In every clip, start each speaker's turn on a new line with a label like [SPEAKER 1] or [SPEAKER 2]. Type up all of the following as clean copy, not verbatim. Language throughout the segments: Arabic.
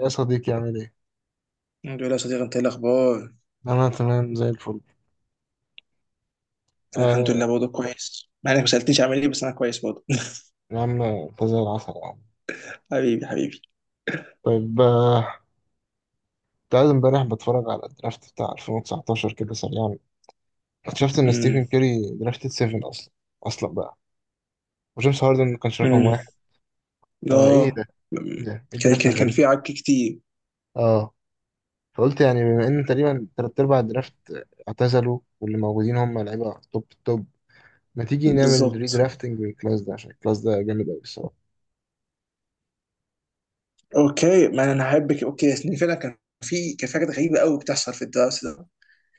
[SPEAKER 1] يا صديقي عامل ايه؟
[SPEAKER 2] الحمد لله يا صديقي، انت ايه الاخبار؟
[SPEAKER 1] أنا تمام زي الفل.
[SPEAKER 2] انا الحمد لله
[SPEAKER 1] آه.
[SPEAKER 2] برضه كويس، مع انك ما سالتنيش عامل ايه، بس انا كويس برضه.
[SPEAKER 1] يا عم أنت زي العسل يا عم.
[SPEAKER 2] حبيبي حبيبي.
[SPEAKER 1] طيب كنت قاعد امبارح بتفرج على الدرافت بتاع 2019 كده سريعا. اكتشفت إن
[SPEAKER 2] امم
[SPEAKER 1] ستيفن كيري درافتد 7 أصلا، أصلا بقى. وجيمس هاردن ما كانش رقم
[SPEAKER 2] امم
[SPEAKER 1] واحد. آه إيه
[SPEAKER 2] اه
[SPEAKER 1] ده؟ إيه ده؟
[SPEAKER 2] أمم.
[SPEAKER 1] إيه
[SPEAKER 2] كان
[SPEAKER 1] الدرافت
[SPEAKER 2] كان كان
[SPEAKER 1] الغريب
[SPEAKER 2] في
[SPEAKER 1] ده؟
[SPEAKER 2] عك كتير.
[SPEAKER 1] آه، فقلت يعني بما إن تقريبا تلات أرباع الدرافت اعتزلوا واللي موجودين هم لعيبة توب توب، ما تيجي نعمل
[SPEAKER 2] بالظبط.
[SPEAKER 1] ريدرافتنج للكلاس ده عشان الكلاس ده جامد أوي الصراحة.
[SPEAKER 2] اوكي، ما انا هحبك. اوكي يعني فعلا كان في حاجات غريبه قوي بتحصل في الدراسه ده.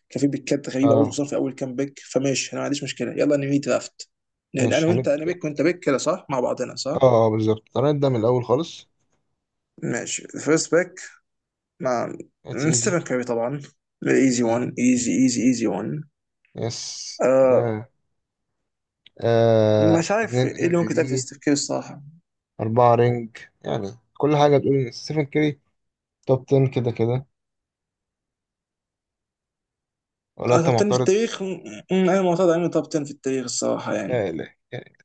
[SPEAKER 2] كان في بيكات غريبه برضه،
[SPEAKER 1] آه
[SPEAKER 2] خصوصا في اول كام بيك. فماشي، انا ما عنديش مشكله، يلا نمي درافت. لان
[SPEAKER 1] ماشي
[SPEAKER 2] انا وانت، انا
[SPEAKER 1] هنبدأ.
[SPEAKER 2] بيك وانت بيك كده، صح؟ مع بعضنا، صح.
[SPEAKER 1] بالظبط هنبدأ من الأول خالص.
[SPEAKER 2] ماشي، فيرست بيك مع
[SPEAKER 1] It's easy.
[SPEAKER 2] ستيفن كاري طبعا. ايزي
[SPEAKER 1] Easy.
[SPEAKER 2] 1، ايزي ايزي ايزي 1.
[SPEAKER 1] Yes.
[SPEAKER 2] آه.
[SPEAKER 1] آه. آه.
[SPEAKER 2] مش عارف
[SPEAKER 1] اتنين
[SPEAKER 2] ايه
[SPEAKER 1] ام
[SPEAKER 2] اللي
[SPEAKER 1] في
[SPEAKER 2] ممكن يتقال في
[SPEAKER 1] بي.
[SPEAKER 2] ستيف كير الصراحه.
[SPEAKER 1] أربعة رينج. يعني كل حاجة تقول إن ستيفن كيري توب 10 كده كده، ولا أنت
[SPEAKER 2] آه، توب 10 في
[SPEAKER 1] معترض؟
[SPEAKER 2] التاريخ. انا معترض على انه توب 10 في التاريخ الصراحه
[SPEAKER 1] يا
[SPEAKER 2] يعني.
[SPEAKER 1] إلهي يا إلهي.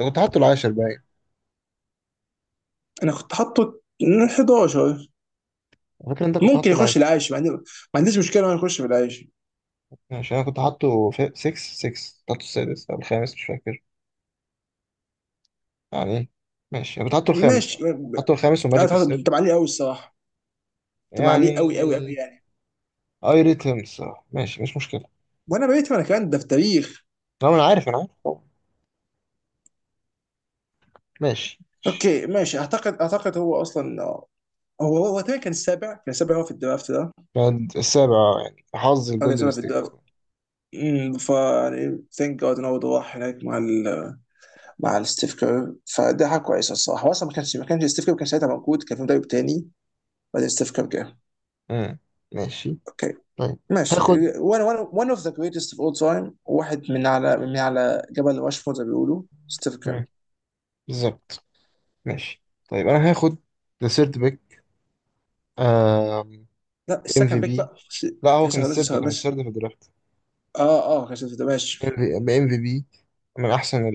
[SPEAKER 1] أنت كنت حاطه العاشر باين.
[SPEAKER 2] انا كنت حاطه 11.
[SPEAKER 1] فاكر أنت كنت
[SPEAKER 2] ممكن
[SPEAKER 1] حاطه
[SPEAKER 2] يخش
[SPEAKER 1] العاشر.
[SPEAKER 2] العاشر، ما عنديش مشكله انه يخش في العاشر.
[SPEAKER 1] ماشي أنا كنت حاطه 6، 6 حاطه السادس أو الخامس مش فاكر يعني. ماشي أنا كنت حاطه الخامس
[SPEAKER 2] ماشي.
[SPEAKER 1] أه، حاطه الخامس
[SPEAKER 2] انا
[SPEAKER 1] وماجيك
[SPEAKER 2] حاطه تبع
[SPEAKER 1] السادس
[SPEAKER 2] عليه قوي الصراحه، تبع عليه
[SPEAKER 1] يعني.
[SPEAKER 2] قوي يعني.
[SPEAKER 1] أي ريت هيم الصراحة، ماشي مش مشكلة.
[SPEAKER 2] وانا بقيت انا كمان ده في التاريخ.
[SPEAKER 1] لا ما أنا عارف، أنا عارف طبعا. ماشي.
[SPEAKER 2] اوكي ماشي. اعتقد هو اصلا هو تقريبا كان السابع في الدرافت ده هو،
[SPEAKER 1] بعد السابع آه، يعني حظ
[SPEAKER 2] كان
[SPEAKER 1] الجولدن
[SPEAKER 2] السابع في
[SPEAKER 1] ستيت
[SPEAKER 2] الدرافت.
[SPEAKER 1] طبعا.
[SPEAKER 2] فا يعني ثانك جاد ان هو راح هناك مع ال مع الستيف كير، فده حاجه كويسه الصراحه. هو اصلا ما كانش ستيف كير كان ساعتها موجود، كان في مدرب تاني، بعدين ستيف كير جه.
[SPEAKER 1] مم. ماشي.
[SPEAKER 2] اوكي
[SPEAKER 1] طيب
[SPEAKER 2] ماشي.
[SPEAKER 1] هاخد.
[SPEAKER 2] وانا one اوف ذا جريتست اوف اول تايم، واحد من على جبل راشمور زي ما بيقولوا، ستيف كير.
[SPEAKER 1] مم. بالظبط. ماشي. طيب انا هاخد ذا سيرد بيك.
[SPEAKER 2] لا،
[SPEAKER 1] ام في
[SPEAKER 2] السكند بيك
[SPEAKER 1] بي.
[SPEAKER 2] بقى.
[SPEAKER 1] لا هو كان
[SPEAKER 2] لسه
[SPEAKER 1] السيرد،
[SPEAKER 2] لسه
[SPEAKER 1] كان
[SPEAKER 2] لسه
[SPEAKER 1] السيرد في الدرافت.
[SPEAKER 2] اه اه، كانت ده ماشي.
[SPEAKER 1] ام في بي. من احسن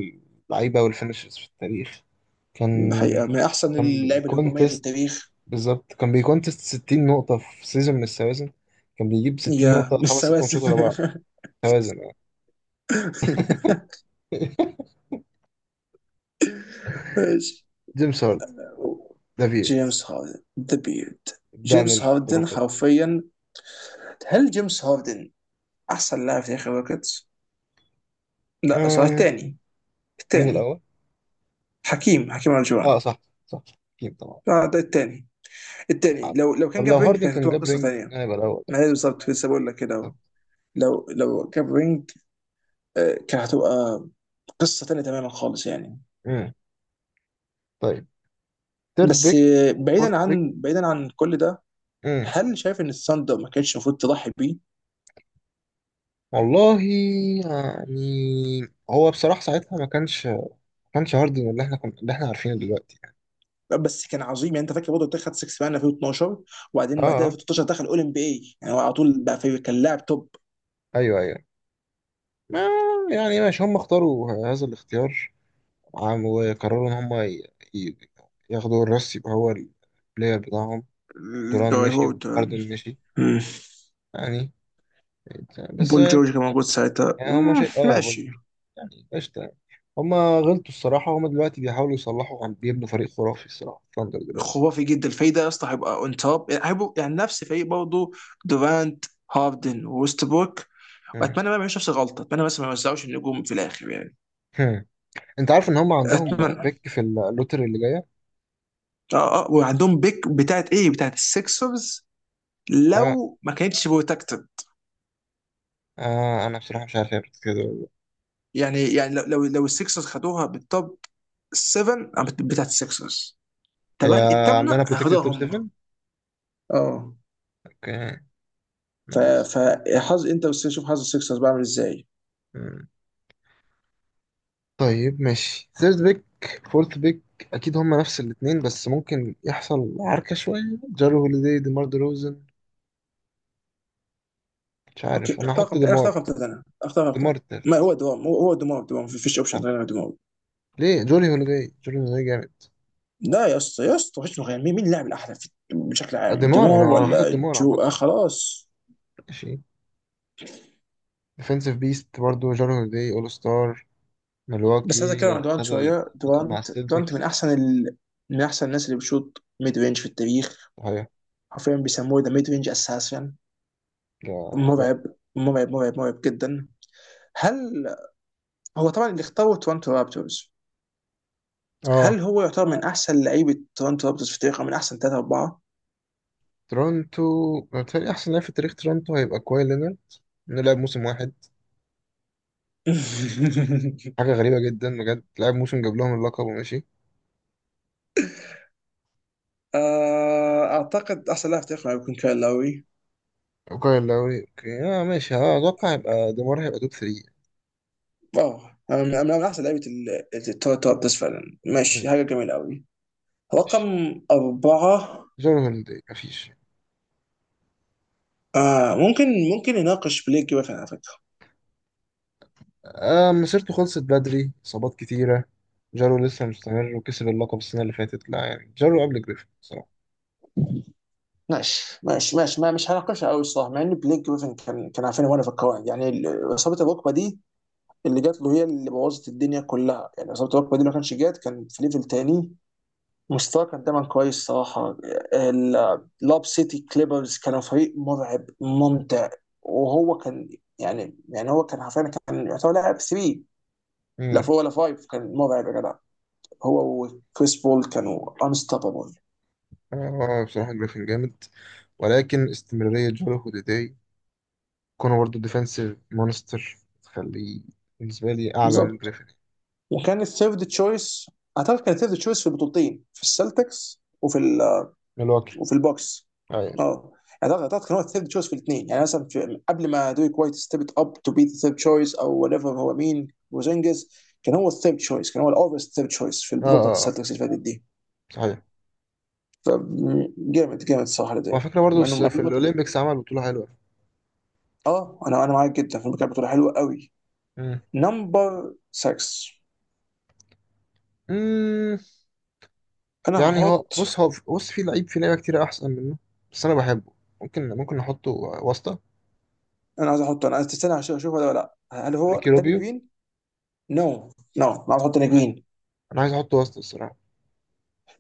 [SPEAKER 1] اللعيبه والفينشرز في التاريخ. كان
[SPEAKER 2] الحقيقه من احسن
[SPEAKER 1] كان
[SPEAKER 2] اللعيبه الهجوميه في
[SPEAKER 1] بيكونتست.
[SPEAKER 2] التاريخ.
[SPEAKER 1] بالظبط كان بيكونتست 60 نقطة في سيزون من السوازن. كان بيجيب 60
[SPEAKER 2] يا
[SPEAKER 1] نقطة
[SPEAKER 2] مش
[SPEAKER 1] خمس ست ماتشات
[SPEAKER 2] سواسف.
[SPEAKER 1] ورا بعض. توازن يعني.
[SPEAKER 2] ماشي.
[SPEAKER 1] جيمس هارد، دافيد
[SPEAKER 2] جيمس هاردن ذا بيرد.
[SPEAKER 1] دان
[SPEAKER 2] جيمس هاردن
[SPEAKER 1] الخرافي.
[SPEAKER 2] حرفيا، هل جيمس هاردن احسن لاعب في تاريخ الروكيتس؟ لا، صار
[SPEAKER 1] آه،
[SPEAKER 2] الثاني.
[SPEAKER 1] مين
[SPEAKER 2] الثاني.
[SPEAKER 1] الأول؟
[SPEAKER 2] حكيم، حكيم
[SPEAKER 1] اه
[SPEAKER 2] الجوان.
[SPEAKER 1] صح. صح. أكيد طبعا.
[SPEAKER 2] لا، ده الثاني. الثاني
[SPEAKER 1] آه،
[SPEAKER 2] لو لو كان
[SPEAKER 1] طب لو
[SPEAKER 2] جاب رينج
[SPEAKER 1] هاردن
[SPEAKER 2] كانت
[SPEAKER 1] كان
[SPEAKER 2] هتبقى
[SPEAKER 1] جاب
[SPEAKER 2] قصه
[SPEAKER 1] رينج
[SPEAKER 2] ثانيه.
[SPEAKER 1] كان هيبقى الأول.
[SPEAKER 2] ما هي بالظبط، لسه بقول لك كده اهو.
[SPEAKER 1] طب.
[SPEAKER 2] لو جاب رينج، كانت هتبقى قصه ثانيه تماما خالص يعني.
[SPEAKER 1] مم. طيب. تيرد
[SPEAKER 2] بس
[SPEAKER 1] بيك. فورث
[SPEAKER 2] بعيدا
[SPEAKER 1] بيك.
[SPEAKER 2] عن بعيدا عن كل ده،
[SPEAKER 1] مم.
[SPEAKER 2] هل شايف ان الثاندر ما كانش المفروض تضحي بيه؟
[SPEAKER 1] والله يعني هو بصراحة ساعتها ما كانش هاردن اللي احنا كنا، اللي احنا عارفينه دلوقتي يعني.
[SPEAKER 2] لا، بس كان عظيم يعني. انت فاكر برضه بتاع خد 6 مان 2012؟
[SPEAKER 1] اه
[SPEAKER 2] وبعدين بعدها
[SPEAKER 1] اه.
[SPEAKER 2] في 2013 دخل اول ام بي اي، يعني هو على طول بقى في، كان لاعب توب.
[SPEAKER 1] ايوه ايوه. ما يعني ماشي هم اختاروا هذا الاختيار. وقرروا ان هم ي- ياخدوا الراس يبقى هو البلاير بتاعهم. دوران
[SPEAKER 2] الجاي
[SPEAKER 1] مشي
[SPEAKER 2] هورد.
[SPEAKER 1] وهاردن مشي يعني. بس
[SPEAKER 2] بول جورج كان موجود ساعتها.
[SPEAKER 1] يعني هما شيء اه
[SPEAKER 2] ماشي.
[SPEAKER 1] فولفسبورج يعني. قشطة يعني. هما غلطوا الصراحة، هما دلوقتي بيحاولوا يصلحوا، عم بيبنوا فريق خرافي الصراحة ثاندر دلوقتي.
[SPEAKER 2] خرافي جدا الفايده يا اسطى، هيبقى اون توب، يعني هيبقوا يعني نفس فريق برضه: دورانت، هاردن ووستبروك.
[SPEAKER 1] مم.
[SPEAKER 2] واتمنى ما يعملوش نفس الغلطه، اتمنى بس ما يوزعوش النجوم في الاخر يعني.
[SPEAKER 1] هم. انت عارف ان هما عندهم
[SPEAKER 2] اتمنى.
[SPEAKER 1] بيك في اللوتري اللي جاية.
[SPEAKER 2] اه اه، وعندهم بيك بتاعت ايه، بتاعت السكسرز،
[SPEAKER 1] آه.
[SPEAKER 2] لو ما كانتش بروتكتد.
[SPEAKER 1] آه انا بصراحة مش عارف هي protected ولا لا.
[SPEAKER 2] لو السكسرز خدوها بالتوب 7، بتاعت السكسرز،
[SPEAKER 1] هي
[SPEAKER 2] تمام
[SPEAKER 1] عاملة لنا
[SPEAKER 2] الثامنه
[SPEAKER 1] بروتكتد
[SPEAKER 2] هياخدوها
[SPEAKER 1] توب
[SPEAKER 2] هم.
[SPEAKER 1] 7.
[SPEAKER 2] اه.
[SPEAKER 1] اوكي.
[SPEAKER 2] ف
[SPEAKER 1] نايس.
[SPEAKER 2] فحظ، انت بس شوف حظ السكسرز بعمل ازاي.
[SPEAKER 1] مم. طيب ماشي ثيرد بيك. فورث بيك. اكيد هما نفس الاتنين بس ممكن يحصل عركة شوية. جارو هوليدي، ديمار روزن. مش
[SPEAKER 2] اوكي،
[SPEAKER 1] عارف، انا
[SPEAKER 2] اختار
[SPEAKER 1] هحط
[SPEAKER 2] خمسة انا اختار
[SPEAKER 1] ديمار.
[SPEAKER 2] خمسة انا اختار
[SPEAKER 1] ديمار
[SPEAKER 2] خمسة. ما
[SPEAKER 1] التالت.
[SPEAKER 2] هو دوام، هو دوام، دوام ما فيش اوبشن
[SPEAKER 1] آه.
[SPEAKER 2] غير دوام.
[SPEAKER 1] ليه جولي هوليداي؟ جولي هوليداي جامد.
[SPEAKER 2] لا يا اسطى، وحشني غير، مين اللاعب الاحلى بشكل
[SPEAKER 1] آه،
[SPEAKER 2] عام،
[SPEAKER 1] ديمار انا
[SPEAKER 2] دوام
[SPEAKER 1] انا حاطط
[SPEAKER 2] ولا
[SPEAKER 1] ديمار
[SPEAKER 2] جو؟ آه
[SPEAKER 1] عامه.
[SPEAKER 2] خلاص.
[SPEAKER 1] ماشي. ديفنسيف بيست برضه جولي هوليداي اول ستار.
[SPEAKER 2] بس عايز اتكلم
[SPEAKER 1] ملواكي
[SPEAKER 2] عن دورانت
[SPEAKER 1] خد
[SPEAKER 2] شويه.
[SPEAKER 1] اللقب مع
[SPEAKER 2] دورانت،
[SPEAKER 1] السلتكس.
[SPEAKER 2] من احسن الناس اللي بتشوط ميد رينج في التاريخ.
[SPEAKER 1] صحيح.
[SPEAKER 2] حرفيا بيسموه ذا ميد رينج اساسا.
[SPEAKER 1] لا. لا.
[SPEAKER 2] مرعب. مرعب جدا. هل هو طبعا اللي اختاره تورنتو رابترز، هل
[SPEAKER 1] اه.
[SPEAKER 2] هو يعتبر من احسن لعيبه تورنتو رابترز في التاريخ، او من احسن ثلاثه اربعه؟
[SPEAKER 1] تورونتو. بالتالي احسن لاعب في تاريخ تورونتو هيبقى كواي لينارد، انه لعب موسم واحد. حاجه غريبه جدا بجد، لعب موسم جاب لهم اللقب وماشي.
[SPEAKER 2] آه، اعتقد احسن لاعب في التاريخ يكون كايل لاوي.
[SPEAKER 1] وكايل لاوري اوكي اه ماشي اه اتوقع هيبقى ديمار، هيبقى توب 3.
[SPEAKER 2] اه. أنا من احسن لعيبه التوب، بس فعلا ماشي، حاجه جميله قوي. رقم
[SPEAKER 1] ماشي.
[SPEAKER 2] أربعة.
[SPEAKER 1] جولي هوليداي مفيش.
[SPEAKER 2] آه ممكن، ممكن نناقش بليك جريفن على فكرة.
[SPEAKER 1] آه مسيرته خلصت بدري، إصابات كتيرة. جارو لسه مستمر وكسب اللقب السنة اللي فاتت، لا يعني جارو قبل جريفن بصراحة.
[SPEAKER 2] ماشي ما مش هناقشها قوي الصراحة، مع إن بليك جريفن كان، كان عارفين وانا في القواعد، يعني إصابة الركبة دي اللي جات له هي اللي بوظت الدنيا كلها، يعني إصابة الركبة دي لو ما كانش جات كان في ليفل تاني. مستواه كان دايما كويس صراحة. لاب سيتي كليبرز كانوا فريق مرعب ممتع، وهو كان، يعني هو كان حرفيا كان يعتبر لاعب 3 لا
[SPEAKER 1] مم.
[SPEAKER 2] 4 ولا 5، كان مرعب يا جدع. هو وكريس بول كانوا انستوبابل.
[SPEAKER 1] آه بصراحة جريفن جامد، ولكن استمرارية جارو هوديداي، كونه برضه ديفنسيف مونستر، تخليه بالنسبة لي أعلى من
[SPEAKER 2] بالظبط.
[SPEAKER 1] جريفن.
[SPEAKER 2] وكان الثيرد تشويس، اعتقد كان الثيرد تشويس في البطولتين، في السلتكس وفي،
[SPEAKER 1] ملواكي.
[SPEAKER 2] وفي البوكس.
[SPEAKER 1] أيوة.
[SPEAKER 2] اه. يعني اعتقد كان هو الثيرد تشويس في الاثنين، يعني مثلا في، قبل ما دويك وايت ستيبت اب تو بي ذا ثيرد تشويس او وات ايفر، هو مين، وزنجز، كان هو الثيرد تشويس، كان هو الاوفرز ثيرد تشويس في
[SPEAKER 1] آه
[SPEAKER 2] البطوله بتاعت
[SPEAKER 1] آه آه،
[SPEAKER 2] السلتكس اللي فاتت دي.
[SPEAKER 1] صحيح.
[SPEAKER 2] فجامد، جامد الصراحه لدي.
[SPEAKER 1] وعلى فكرة برضه
[SPEAKER 2] مع انه مع
[SPEAKER 1] في
[SPEAKER 2] إنه كان،
[SPEAKER 1] الأولمبيكس عمل بطولة حلوة.
[SPEAKER 2] اه. انا معاك جدا، في، كانت بطوله حلوه قوي.
[SPEAKER 1] مم.
[SPEAKER 2] نمبر 6.
[SPEAKER 1] مم.
[SPEAKER 2] انا
[SPEAKER 1] يعني هو
[SPEAKER 2] هحط،
[SPEAKER 1] بص هو بص في لعيب في لعيبة كتير أحسن منه، بس أنا بحبه. ممكن نحطه واسطة.
[SPEAKER 2] انا عايز احطه، انا عايز تستنى عشان اشوف ولا لا. هل هو
[SPEAKER 1] ريكي
[SPEAKER 2] داني
[SPEAKER 1] روبيو.
[SPEAKER 2] جرين؟ نو. نو، انا عايز احط داني جرين.
[SPEAKER 1] انا عايز احطه وسط الصراحه.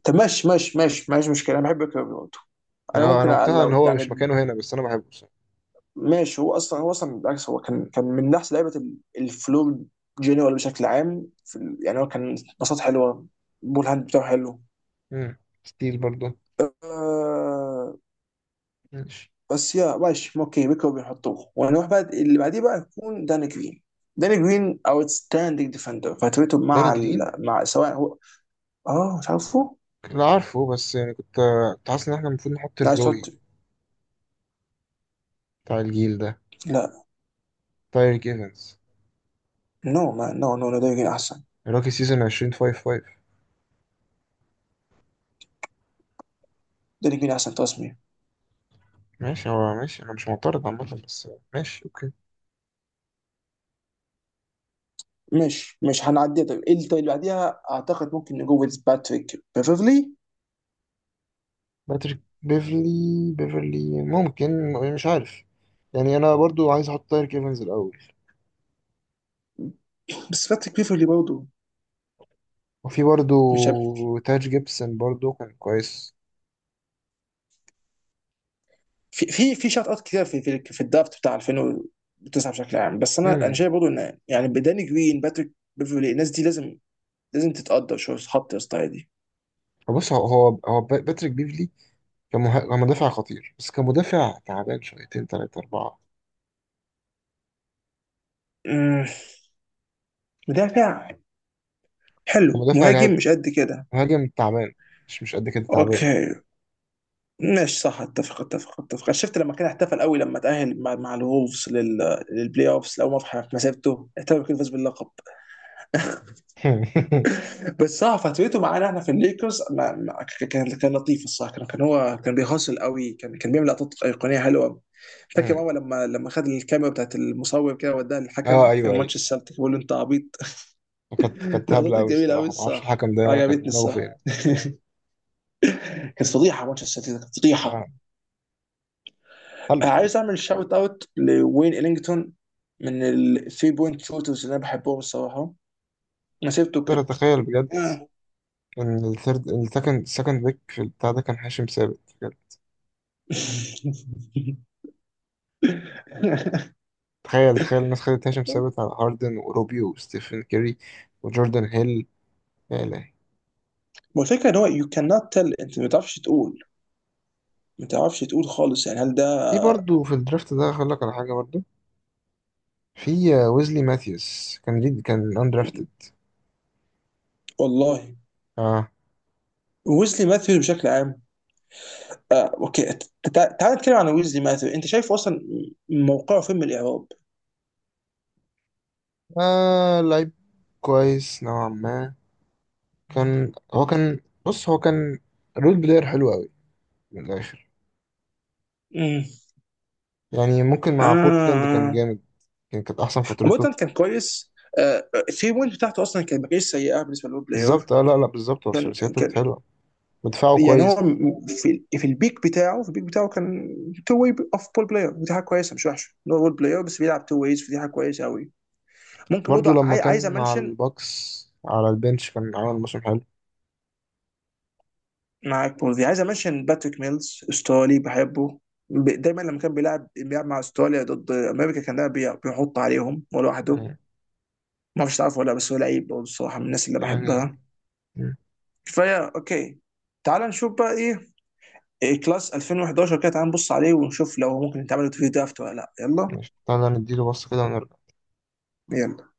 [SPEAKER 2] طب ماشي ماشي، مشكله انا بحب كيربي.
[SPEAKER 1] يعني
[SPEAKER 2] انا ممكن
[SPEAKER 1] انا مقتنع ان
[SPEAKER 2] لو
[SPEAKER 1] هو مش
[SPEAKER 2] يعني،
[SPEAKER 1] مكانه هنا بس انا بحبه الصراحه.
[SPEAKER 2] ماشي. هو اصلا بالعكس، هو كان، كان من احسن لعيبه الفلو جنرال بشكل عام في يعني هو كان، باصات حلوه، بول هاند بتاعه حلو.
[SPEAKER 1] امم، ستيل برضه.
[SPEAKER 2] آه.
[SPEAKER 1] ماشي.
[SPEAKER 2] بس يا ماشي اوكي، بيكو بيحطوه، ونروح بقى اللي بعديه بقى يكون داني جرين. داني جرين اوتستاندينج ديفندر، فترته
[SPEAKER 1] داني
[SPEAKER 2] مع
[SPEAKER 1] جرين.
[SPEAKER 2] مع سواء هو. اه مش عارفه.
[SPEAKER 1] لا عارفه بس يعني كنت حاسس ان احنا المفروض نحط
[SPEAKER 2] لا
[SPEAKER 1] الروي
[SPEAKER 2] تحط.
[SPEAKER 1] بتاع الجيل ده،
[SPEAKER 2] لا.
[SPEAKER 1] تايريك ايفنز،
[SPEAKER 2] نو ما نو نو نو، داني جرين احسن.
[SPEAKER 1] روكي سيزون 2055.
[SPEAKER 2] داني جرين احسن تصميم.
[SPEAKER 1] ماشي هو ماشي، انا مش معترض عامه بس ماشي اوكي.
[SPEAKER 2] مش، مش هنعديها. طيب ايه اللي، طيب اللي بعديها اعتقد ممكن نجوز باتريك بيفرلي.
[SPEAKER 1] باتريك بيفرلي. بيفرلي ممكن مش عارف. يعني انا برضو عايز احط تايريك ايفنز الاول.
[SPEAKER 2] بس باتريك بيفرلي برضه
[SPEAKER 1] وفي برضو
[SPEAKER 2] مش عارف.
[SPEAKER 1] تاج جيبسون برضو كان كويس.
[SPEAKER 2] في شوت اوت كتير في الدرافت بتاع 2009 بشكل عام، بس انا شايف برضه ان يعني بداني جرين، باتريك بيفرلي، الناس دي لازم، لازم تتقدر شويه، تتحط يا اسطى دي.
[SPEAKER 1] بص هو باتريك بيفلي كمدافع خطير بس كمدافع تعبان شويتين تلاتة أربعة.
[SPEAKER 2] أمم، مدافع حلو،
[SPEAKER 1] كمدافع
[SPEAKER 2] مهاجم
[SPEAKER 1] لعب،
[SPEAKER 2] مش قد كده.
[SPEAKER 1] مهاجم تعبان، مش قد كده تعبان.
[SPEAKER 2] اوكي ماشي، صح. اتفق. شفت لما كان احتفل قوي لما تاهل مع الولفز للبلاي اوفز لاول مره في مسيرته، احتفل كده فاز باللقب. بس صح، فترته معانا احنا في الليكرز، ما ما ك- كان كان لطيف الصراحه، كان كان، هو كان بيهاصل قوي، كان كان بيعمل لقطات ايقونيه حلوه. فاكر
[SPEAKER 1] مم.
[SPEAKER 2] ماما لما خد الكاميرا بتاعت المصور كده وداها
[SPEAKER 1] اه
[SPEAKER 2] للحكم،
[SPEAKER 1] ايوه
[SPEAKER 2] كان
[SPEAKER 1] ايوه.
[SPEAKER 2] ماتش السلتيك، بيقول له انت عبيط.
[SPEAKER 1] كانت كانت هبلة
[SPEAKER 2] لقطات
[SPEAKER 1] أوي
[SPEAKER 2] جميله قوي
[SPEAKER 1] الصراحة، معرفش
[SPEAKER 2] الصح،
[SPEAKER 1] الحكم ده
[SPEAKER 2] عجبتني
[SPEAKER 1] كان دماغه
[SPEAKER 2] الصح.
[SPEAKER 1] فين.
[SPEAKER 2] كانت فضيحه ماتش السلتيك ده، كانت
[SPEAKER 1] اه.
[SPEAKER 2] فضيحه.
[SPEAKER 1] حلو فوق.
[SPEAKER 2] عايز اعمل شاوت اوت لوين الينجتون، من الثري بوينت شوترز اللي انا بحبهم الصراحه، مسيرته
[SPEAKER 1] أقدر
[SPEAKER 2] كانت.
[SPEAKER 1] أتخيل بجد إن الثيرد السكند بيك في البتاع ده كان هاشم ثابت بجد. تخيل، تخيل الناس خدت هاشم ثابت على هاردن وروبيو وستيفن كيري وجوردن هيل. يا إلهي.
[SPEAKER 2] هو الفكرة ان هو you cannot tell، انت ما تعرفش تقول، ما تعرفش تقول خالص يعني، هل ده.
[SPEAKER 1] في برضه في الدرافت ده هقول لك على حاجة برضه. في ويزلي ماثيوس كان جد كان اندرافتد.
[SPEAKER 2] والله.
[SPEAKER 1] اه.
[SPEAKER 2] ويزلي ماثيوز بشكل عام، اوكي، تعال نتكلم عن ويزلي ماثيوز. انت شايف اصلا موقعه فين من الاعراب؟
[SPEAKER 1] آه لعيب كويس نوعا ما. كان هو كان بص هو كان رول بلاير حلو قوي، من الآخر
[SPEAKER 2] امم.
[SPEAKER 1] يعني. ممكن مع بورتلاند كان
[SPEAKER 2] آه.
[SPEAKER 1] جامد. كان كانت أحسن فترته.
[SPEAKER 2] عموما كان كويس. آه، الثري بوينت بتاعته اصلا كانت ما كانتش سيئه بالنسبه للو بلاير.
[SPEAKER 1] بالظبط. اه لا لا بالظبط، هو
[SPEAKER 2] كان
[SPEAKER 1] ثلاثياته كانت
[SPEAKER 2] كان
[SPEAKER 1] حلوة ودفاعه
[SPEAKER 2] يعني هو
[SPEAKER 1] كويس.
[SPEAKER 2] في في البيك بتاعه كان تو واي اوف بول بلاير، ودي حاجه كويسه، مش وحشه إن هو بول بلاير بس بيلعب تو ويز، فدي حاجه كويسه قوي. ممكن برضه
[SPEAKER 1] برضو لما
[SPEAKER 2] عايز
[SPEAKER 1] كان مع
[SPEAKER 2] امنشن،
[SPEAKER 1] الباكس على البنش كان عامل موسم حلو
[SPEAKER 2] معاك بوزي، عايز امنشن باتريك ميلز، استرالي بحبه. دايما لما كان بيلعب، بيلعب مع استراليا ضد امريكا، كان دايما بيحط عليهم لوحده. ما اعرفش تعرفه ولا لا، بس هو لعيب برضه الصراحه من الناس اللي
[SPEAKER 1] يعني.
[SPEAKER 2] بحبها.
[SPEAKER 1] مم.
[SPEAKER 2] فيا اوكي، تعال نشوف بقى ايه، إيه كلاس 2011 كده، تعال نبص عليه ونشوف لو ممكن يتعمل في درافت ولا لا. يلا
[SPEAKER 1] ماشي، تعالى نديله بص كده ونرجع.
[SPEAKER 2] يلا.